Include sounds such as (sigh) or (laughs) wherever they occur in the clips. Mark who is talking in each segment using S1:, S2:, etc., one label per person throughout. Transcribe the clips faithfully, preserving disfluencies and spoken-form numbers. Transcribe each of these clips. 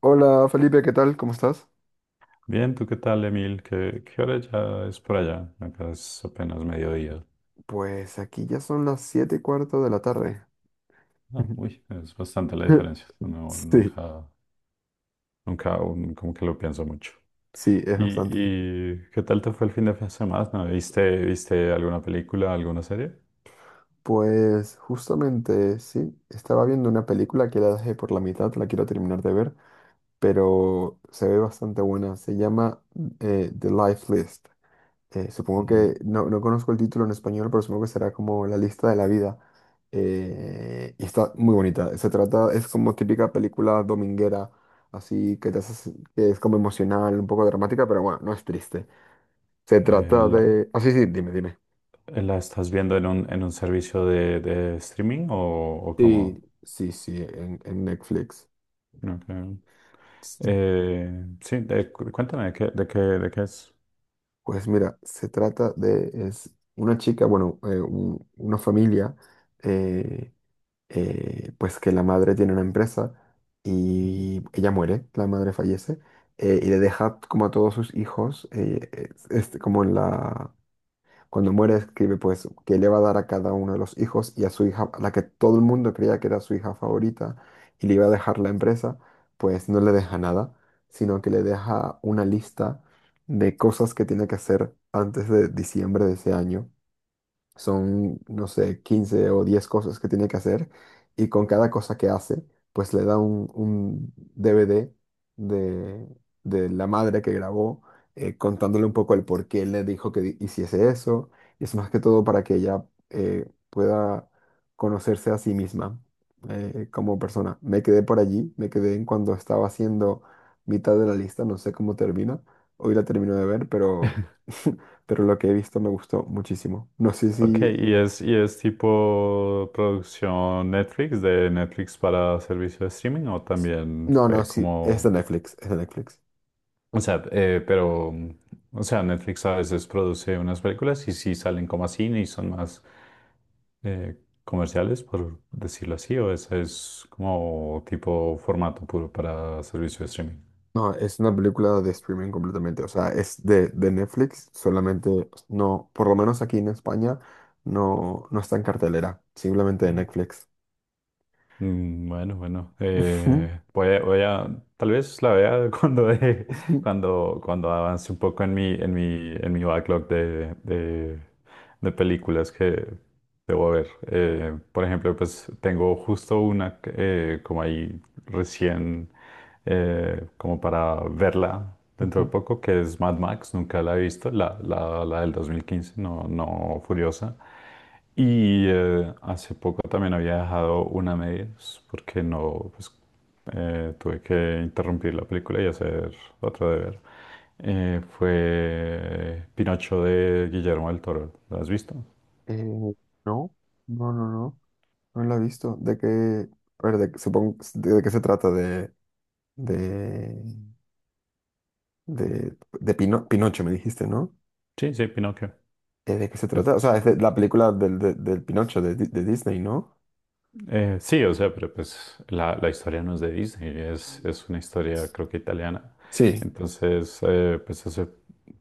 S1: Hola Felipe, ¿qué tal? ¿Cómo estás?
S2: Bien, ¿tú qué tal, Emil? ¿Qué, qué hora ya es por allá? Acá es apenas mediodía.
S1: Pues aquí ya son las siete y cuarto de la tarde.
S2: Ah, uy, es bastante la
S1: (laughs)
S2: diferencia. No,
S1: Sí,
S2: nunca, nunca, um, como que lo pienso mucho.
S1: sí, es
S2: ¿Y,
S1: bastante.
S2: y qué tal te fue el fin de semana? ¿Viste, viste alguna película, alguna serie?
S1: Pues justamente sí, estaba viendo una película que la dejé por la mitad, la quiero terminar de ver, pero se ve bastante buena. Se llama eh, The Life List. Eh, supongo
S2: Mm,
S1: que no, no conozco el título en español, pero supongo que será como La lista de la vida. Eh, y está muy bonita. Se trata, es como típica película dominguera, así que te hace- que es como emocional, un poco dramática, pero bueno, no es triste. Se
S2: eh,
S1: trata
S2: ¿la,
S1: de. Ah, sí, sí, dime, dime.
S2: la estás viendo en un, en un servicio de, de streaming o, o cómo?
S1: Sí, sí, sí, en, en Netflix.
S2: Ok.
S1: Sí.
S2: Eh, sí, de- cu- cuéntame, ¿de qué, de qué, de qué es?
S1: Pues mira, se trata de. Es una chica, bueno, eh, un- una familia. eh, eh, pues que la madre tiene una empresa y ella muere, la madre fallece, eh, y le deja como a todos sus hijos, eh, es- este, como en la. Cuando muere escribe pues que le va a dar a cada uno de los hijos y a su hija, a la que todo el mundo creía que era su hija favorita y le iba a dejar la empresa, pues no le deja nada, sino que le deja una lista de cosas que tiene que hacer antes de diciembre de ese año son, no sé, quince o diez cosas que tiene que hacer y con cada cosa que hace, pues le da un, un D V D de, de la madre que grabó, eh, contándole un poco el por qué le dijo que di- hiciese eso. Y es más que todo para que ella eh, pueda conocerse a sí misma, eh, como persona. Me quedé por allí, me quedé en cuando estaba haciendo mitad de la lista, no sé cómo termina. Hoy la termino de ver, pero (laughs) pero lo que he visto me gustó muchísimo. No sé
S2: Ok, y
S1: si.
S2: es, y es tipo producción Netflix, de Netflix para servicio de streaming, o también
S1: No, no,
S2: fue
S1: sí, es de
S2: como,
S1: Netflix, es de Netflix.
S2: o sea, eh, pero, o sea, Netflix a veces produce unas películas y sí salen como a cine y son más eh, comerciales, por decirlo así, o ese es como tipo formato puro para servicio de streaming.
S1: No, es una película de streaming completamente, o sea, es de, de Netflix, solamente no, por lo menos aquí en España, no, no está en cartelera, simplemente de Netflix.
S2: Mm. Bueno, bueno,
S1: Ujú,
S2: eh, voy a, voy a- tal vez la vea (laughs) cuando, deje-
S1: ujú,
S2: cuando, cuando avance un poco en mi, en mi, en mi backlog de, de, de películas que debo ver. Eh, por ejemplo, pues tengo justo una que, eh, como ahí recién, eh, como para verla dentro de
S1: ujú.
S2: poco, que es Mad Max, nunca la he visto, la, la, la del dos mil quince, no, no Furiosa. Y eh, hace poco también había dejado una a medias porque no, pues eh, tuve que interrumpir la película y hacer otro deber. Eh, fue Pinocho de Guillermo del Toro. ¿Lo has visto?
S1: Eh, no, no, no, no, no la he visto. ¿De qué, a ver, de, supongo, de, de qué se trata? De, de, de, de Pino- Pinocho, me dijiste, ¿no?
S2: Sí, sí, Pinocchio.
S1: Eh, ¿De qué se
S2: Pues,
S1: trata? O sea, es de la película del, de- del Pinocho de, Di- de Disney, ¿no?
S2: Eh, sí, o sea, pero pues la, la historia no es de Disney, es, es una historia creo que italiana.
S1: Sí.
S2: Entonces, eh, pues hace,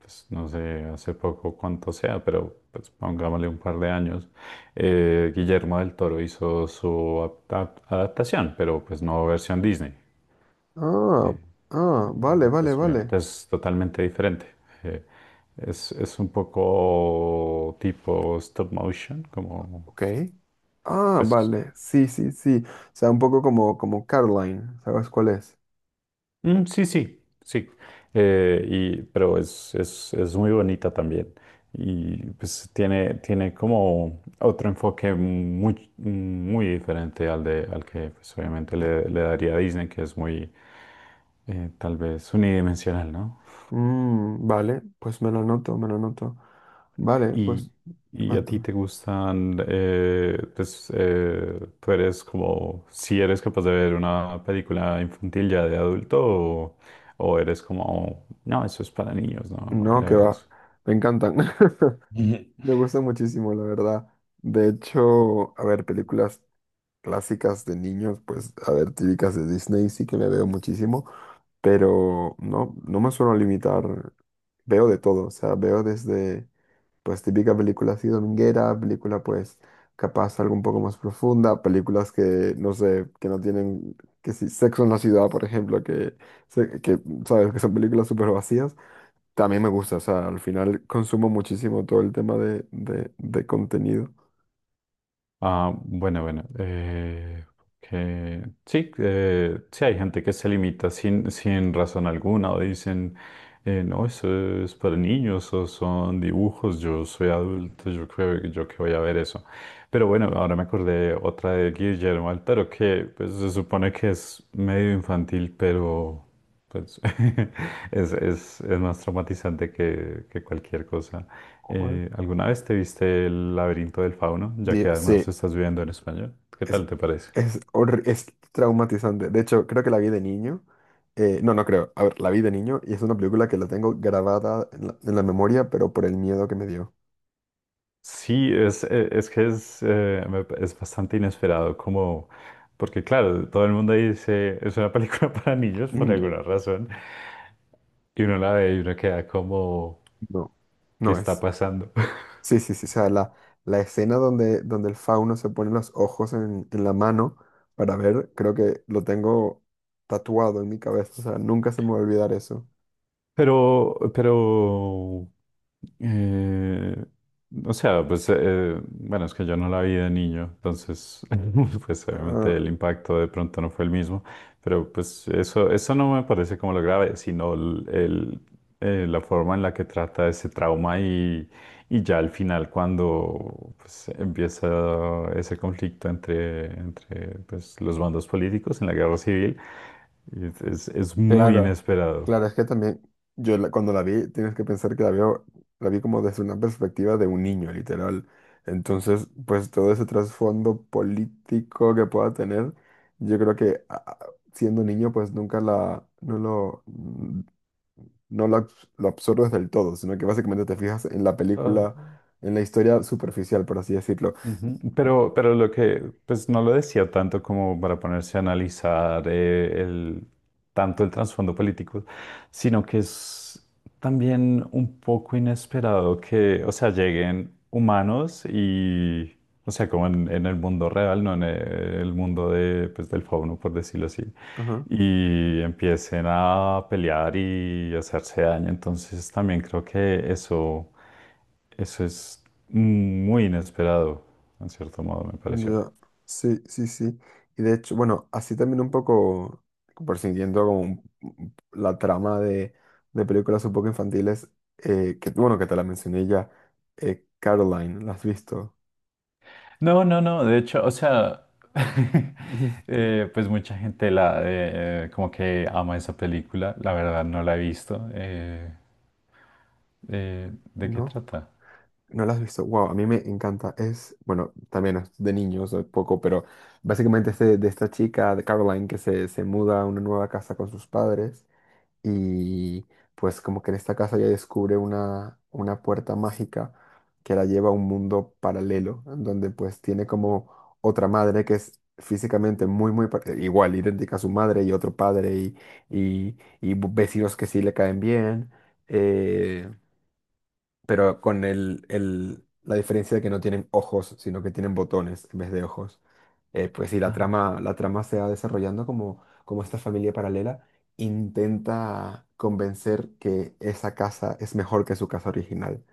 S2: pues, no sé, hace poco cuánto sea, pero pues pongámosle un par de años, eh, Guillermo del Toro hizo su apta- adaptación, pero pues no versión Disney.
S1: Ah,
S2: Eh,
S1: ah, vale,
S2: eh,
S1: vale,
S2: pues
S1: vale.
S2: obviamente es totalmente diferente. Eh, es, es un poco tipo stop motion, como
S1: Ok. Ah,
S2: pues.
S1: vale, sí, sí, sí. O sea, un poco como, como, Caroline, ¿sabes cuál es?
S2: Mm, sí, sí, sí. Eh, y, pero es, es, es muy bonita también. Y pues tiene, tiene como otro enfoque muy, muy diferente al de, al que pues, obviamente le, le daría a Disney, que es muy eh, tal vez unidimensional, ¿no?
S1: Mm, vale, pues me lo anoto, me lo anoto. Vale, pues
S2: Y, y a ti
S1: cuéntame.
S2: te gustan, eh, pues eh, tú eres como, si eres capaz de ver una película infantil ya de adulto o, o eres como, no, eso es para niños, no, no voy
S1: No,
S2: a
S1: que
S2: ver
S1: va,
S2: eso.
S1: me encantan. (laughs) Me gusta muchísimo, la verdad. De hecho, a ver, películas clásicas de niños, pues, a ver, típicas de Disney, sí que me veo muchísimo. Pero no, no me suelo limitar. Veo de todo, o sea, veo desde, pues, típica película así dominguera, película, pues, capaz algo un poco más profunda, películas que, no sé, que no tienen, que si Sexo en la Ciudad, por ejemplo, que, se- que sabes, que son películas súper vacías, también me gusta, o sea, al final consumo muchísimo todo el tema de, de, de contenido.
S2: Ah, bueno, bueno. Eh, que, sí, eh, sí, hay gente que se limita sin, sin razón alguna o dicen, eh, no, eso es para niños o son dibujos, yo soy adulto, yo creo que yo que voy a ver eso. Pero bueno, ahora me acordé otra de Guillermo Altero que pues, se supone que es medio infantil, pero pues, (laughs) es, es, es más traumatizante que, que cualquier cosa.
S1: ¿Cuál?
S2: Eh, ¿alguna vez te viste El laberinto del fauno? Ya
S1: Di-
S2: que además
S1: Sí.
S2: estás viviendo en español. ¿Qué
S1: Es,
S2: tal te parece?
S1: es, horri- es traumatizante. De hecho, creo que la vi de niño. Eh, no, no creo. A ver, la vi de niño y es una película que la tengo grabada en la, en la, memoria, pero por el miedo que me dio.
S2: Sí, es, eh, es que es, eh, me pa- es bastante inesperado, como, porque claro, todo el mundo dice, es una película (laughs) para niños por
S1: Mm.
S2: alguna razón, y uno la ve y uno queda como,
S1: No,
S2: ¿qué
S1: no
S2: está
S1: es.
S2: pasando? (laughs)
S1: Sí, sí, sí. O sea, la, la escena donde, donde el fauno se pone los ojos en, en la mano para ver, creo que lo tengo tatuado en mi cabeza. O sea, nunca se me va a olvidar eso.
S2: Pero, pero Eh, o sea, pues, eh, bueno, es que yo no la vi de niño, entonces, (laughs) pues obviamente el
S1: Ah,
S2: impacto de pronto no fue el mismo, pero pues eso, eso no me parece como lo grave, sino el, el, eh, la forma en la que trata ese trauma y, y ya al final cuando pues, empieza ese conflicto entre, entre pues, los bandos políticos en la guerra civil, es, es es muy
S1: claro, claro,
S2: inesperado.
S1: es que también yo la- cuando la vi, tienes que pensar que la veo, la vi como desde una perspectiva de un niño, literal. Entonces, pues todo ese trasfondo político que pueda tener, yo creo que a- a- siendo niño, pues nunca la, no lo, mm, no lo, abs- lo absorbes del todo, sino que básicamente te fijas en la
S2: Oh.
S1: película, en la historia superficial, por así decirlo.
S2: Ujú. Pero, pero lo que, pues no lo decía tanto como para ponerse a analizar eh, el, tanto el trasfondo político, sino que es también un poco inesperado que, o sea, lleguen humanos y, o sea, como en, en el mundo real, no en el mundo de, pues, del fauno, por decirlo así,
S1: Ajá,
S2: y empiecen a pelear y hacerse daño. Entonces también creo que eso, eso es muy inesperado en cierto modo me pareció.
S1: ya, sí, sí, sí. Y de hecho, bueno, así también un poco, por siguiendo como un la trama de, de películas un poco infantiles, eh, que bueno, que te la mencioné ya, eh, Caroline, ¿la has visto?
S2: No, no, no, de hecho, o sea, (laughs)
S1: (laughs)
S2: eh, pues mucha gente la eh, eh, como que ama esa película, la verdad no la he visto. Eh, eh, ¿de qué
S1: No,
S2: trata?
S1: no la has visto. Wow, a mí me encanta. Es, bueno, también es de niños, eh, poco, pero básicamente es de, de esta chica, de Caroline, que se, se muda a una nueva casa con sus padres y pues como que en esta casa ella descubre una, una puerta mágica que la lleva a un mundo paralelo, en donde pues tiene como otra madre que es físicamente muy, muy pa- igual, idéntica a su madre y otro padre y, y- y vecinos que sí le caen bien. eh, pero con el, el- la diferencia de que no tienen ojos, sino que tienen botones en vez de ojos. Eh, pues sí, la
S2: Ah,
S1: trama, la trama se va desarrollando como, como, esta familia paralela intenta convencer que esa casa es mejor que su casa original.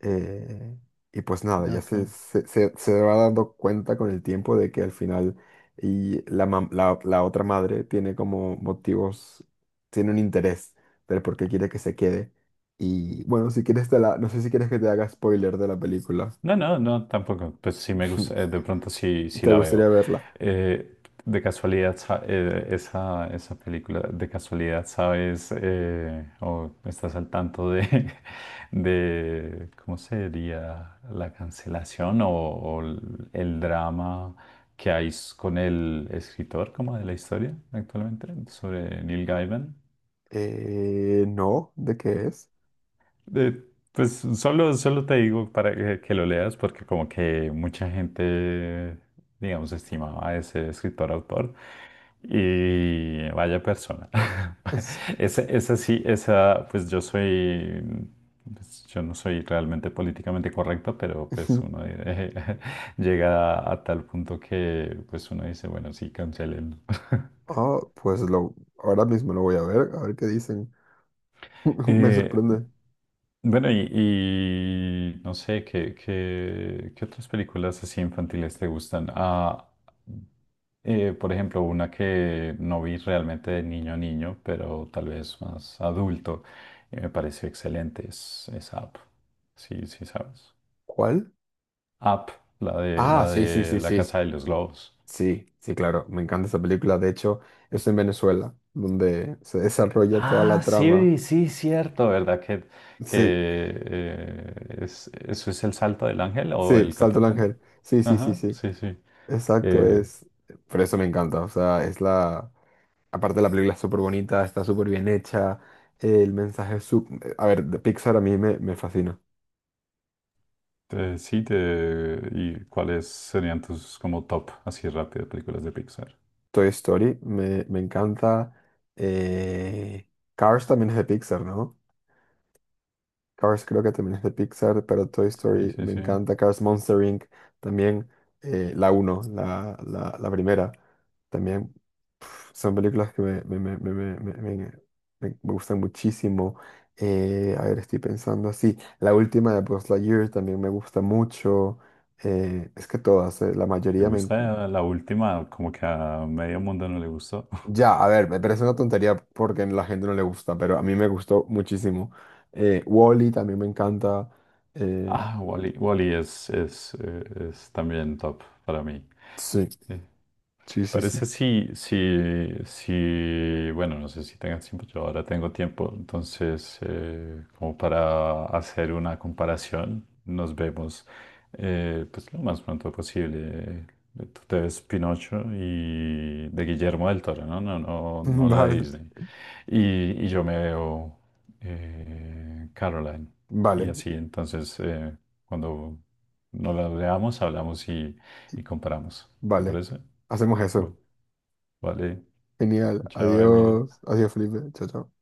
S1: Eh, y pues nada, ya
S2: ok.
S1: se, se, se- se va dando cuenta con el tiempo de que al final y la, mam- la, la otra madre tiene como motivos, tiene un interés del por qué quiere que se quede. Y bueno, si quieres te la, no sé si quieres que te haga spoiler de la película.
S2: No, no, no, tampoco. Pues sí me gusta, eh,
S1: (laughs)
S2: de pronto sí, sí
S1: ¿Te
S2: la veo.
S1: gustaría verla?
S2: Eh, de casualidad, sa- eh, esa, esa película, de casualidad, ¿sabes? Eh, o estás al tanto de, (laughs) de ¿cómo sería la cancelación o, o el el drama que hay s- con el escritor como de la historia actualmente sobre Neil Gaiman?
S1: Eh, no, ¿de qué es?
S2: Eh, pues solo, solo te digo para que, que lo leas, porque como que mucha gente, digamos, estimaba a ese escritor autor. Y vaya persona.
S1: ¿En serio?
S2: (laughs) Esa, esa sí, esa, pues yo soy, pues, yo no soy realmente políticamente correcto, pero pues
S1: (laughs)
S2: uno eh, (laughs) llega a, tal punto que pues uno dice, bueno, sí, cancelen. (laughs)
S1: Ah, pues lo, ahora mismo lo voy a ver, a ver qué dicen. (laughs) Me
S2: Eh,
S1: sorprende.
S2: bueno, y, y no sé, ¿qué, qué, qué otras películas así infantiles te gustan? Ah, eh, por ejemplo, una que no vi realmente de niño a niño, pero tal vez más adulto, y me pareció excelente, es, es Up. Sí, sí, sabes.
S1: ¿Cuál?
S2: Up, la de,
S1: Ah,
S2: la
S1: sí, sí,
S2: de
S1: sí,
S2: La
S1: sí.
S2: Casa de los globos.
S1: Sí, sí, claro, me encanta esa película. De hecho, es en Venezuela, donde se desarrolla toda
S2: Ah,
S1: la trama.
S2: sí, sí, cierto, ¿verdad? Que, que
S1: Sí,
S2: eh, es, eso es el salto del ángel o
S1: sí,
S2: el
S1: Salto el
S2: catatumbo.
S1: Ángel. Sí, sí, sí,
S2: Ajá,
S1: sí.
S2: sí, sí.
S1: Exacto,
S2: Eh,
S1: es. Por eso me encanta. O sea, es la. Aparte, la película es súper bonita, está súper bien hecha. El mensaje es su-. A ver, de Pixar a mí me, me fascina.
S2: eh, sí, te... ¿y cuáles serían tus como top, así rápido, películas de Pixar?
S1: Toy Story me, me encanta. eh, Cars también es de Pixar, ¿no? Cars creo que también es de Pixar, pero Toy
S2: Sí,
S1: Story
S2: sí,
S1: me
S2: sí.
S1: encanta. Cars Monster inc también, eh, la uno, la, la, la primera. También pf, son películas que me, me, me, me, me, me- me- me- me gustan muchísimo. Eh, a ver, estoy pensando así. La última de Buzz Lightyear también me gusta mucho. Eh, es que todas, eh, la
S2: ¿Te
S1: mayoría me. en-
S2: gusta la última? Como que a medio mundo no le gustó. (laughs)
S1: Ya, a ver, me parece una tontería porque a la gente no le gusta, pero a mí me gustó muchísimo. Eh, Wall-E también me encanta. Eh,
S2: Ah, Wall-E. Wall-E es, es, eh, es también top para mí.
S1: sí. Sí, sí,
S2: Parece
S1: sí.
S2: si, si, si, bueno, no sé si tengas tiempo, yo ahora tengo tiempo, entonces eh, como para hacer una comparación, nos vemos eh, pues lo más pronto posible. Tú te ves Pinocho y de Guillermo del Toro, ¿no? No, no, no
S1: (laughs)
S2: la de
S1: Vale,
S2: Disney. Y, y yo me veo eh, Caroline. Y
S1: vale,
S2: así, entonces, eh, cuando nos la veamos, hablamos y, y comparamos. ¿Te
S1: vale.
S2: parece?
S1: Hacemos eso.
S2: Bueno. Vale,
S1: Genial.
S2: chao, Emil.
S1: Adiós. Adiós, Felipe. Chao, chao.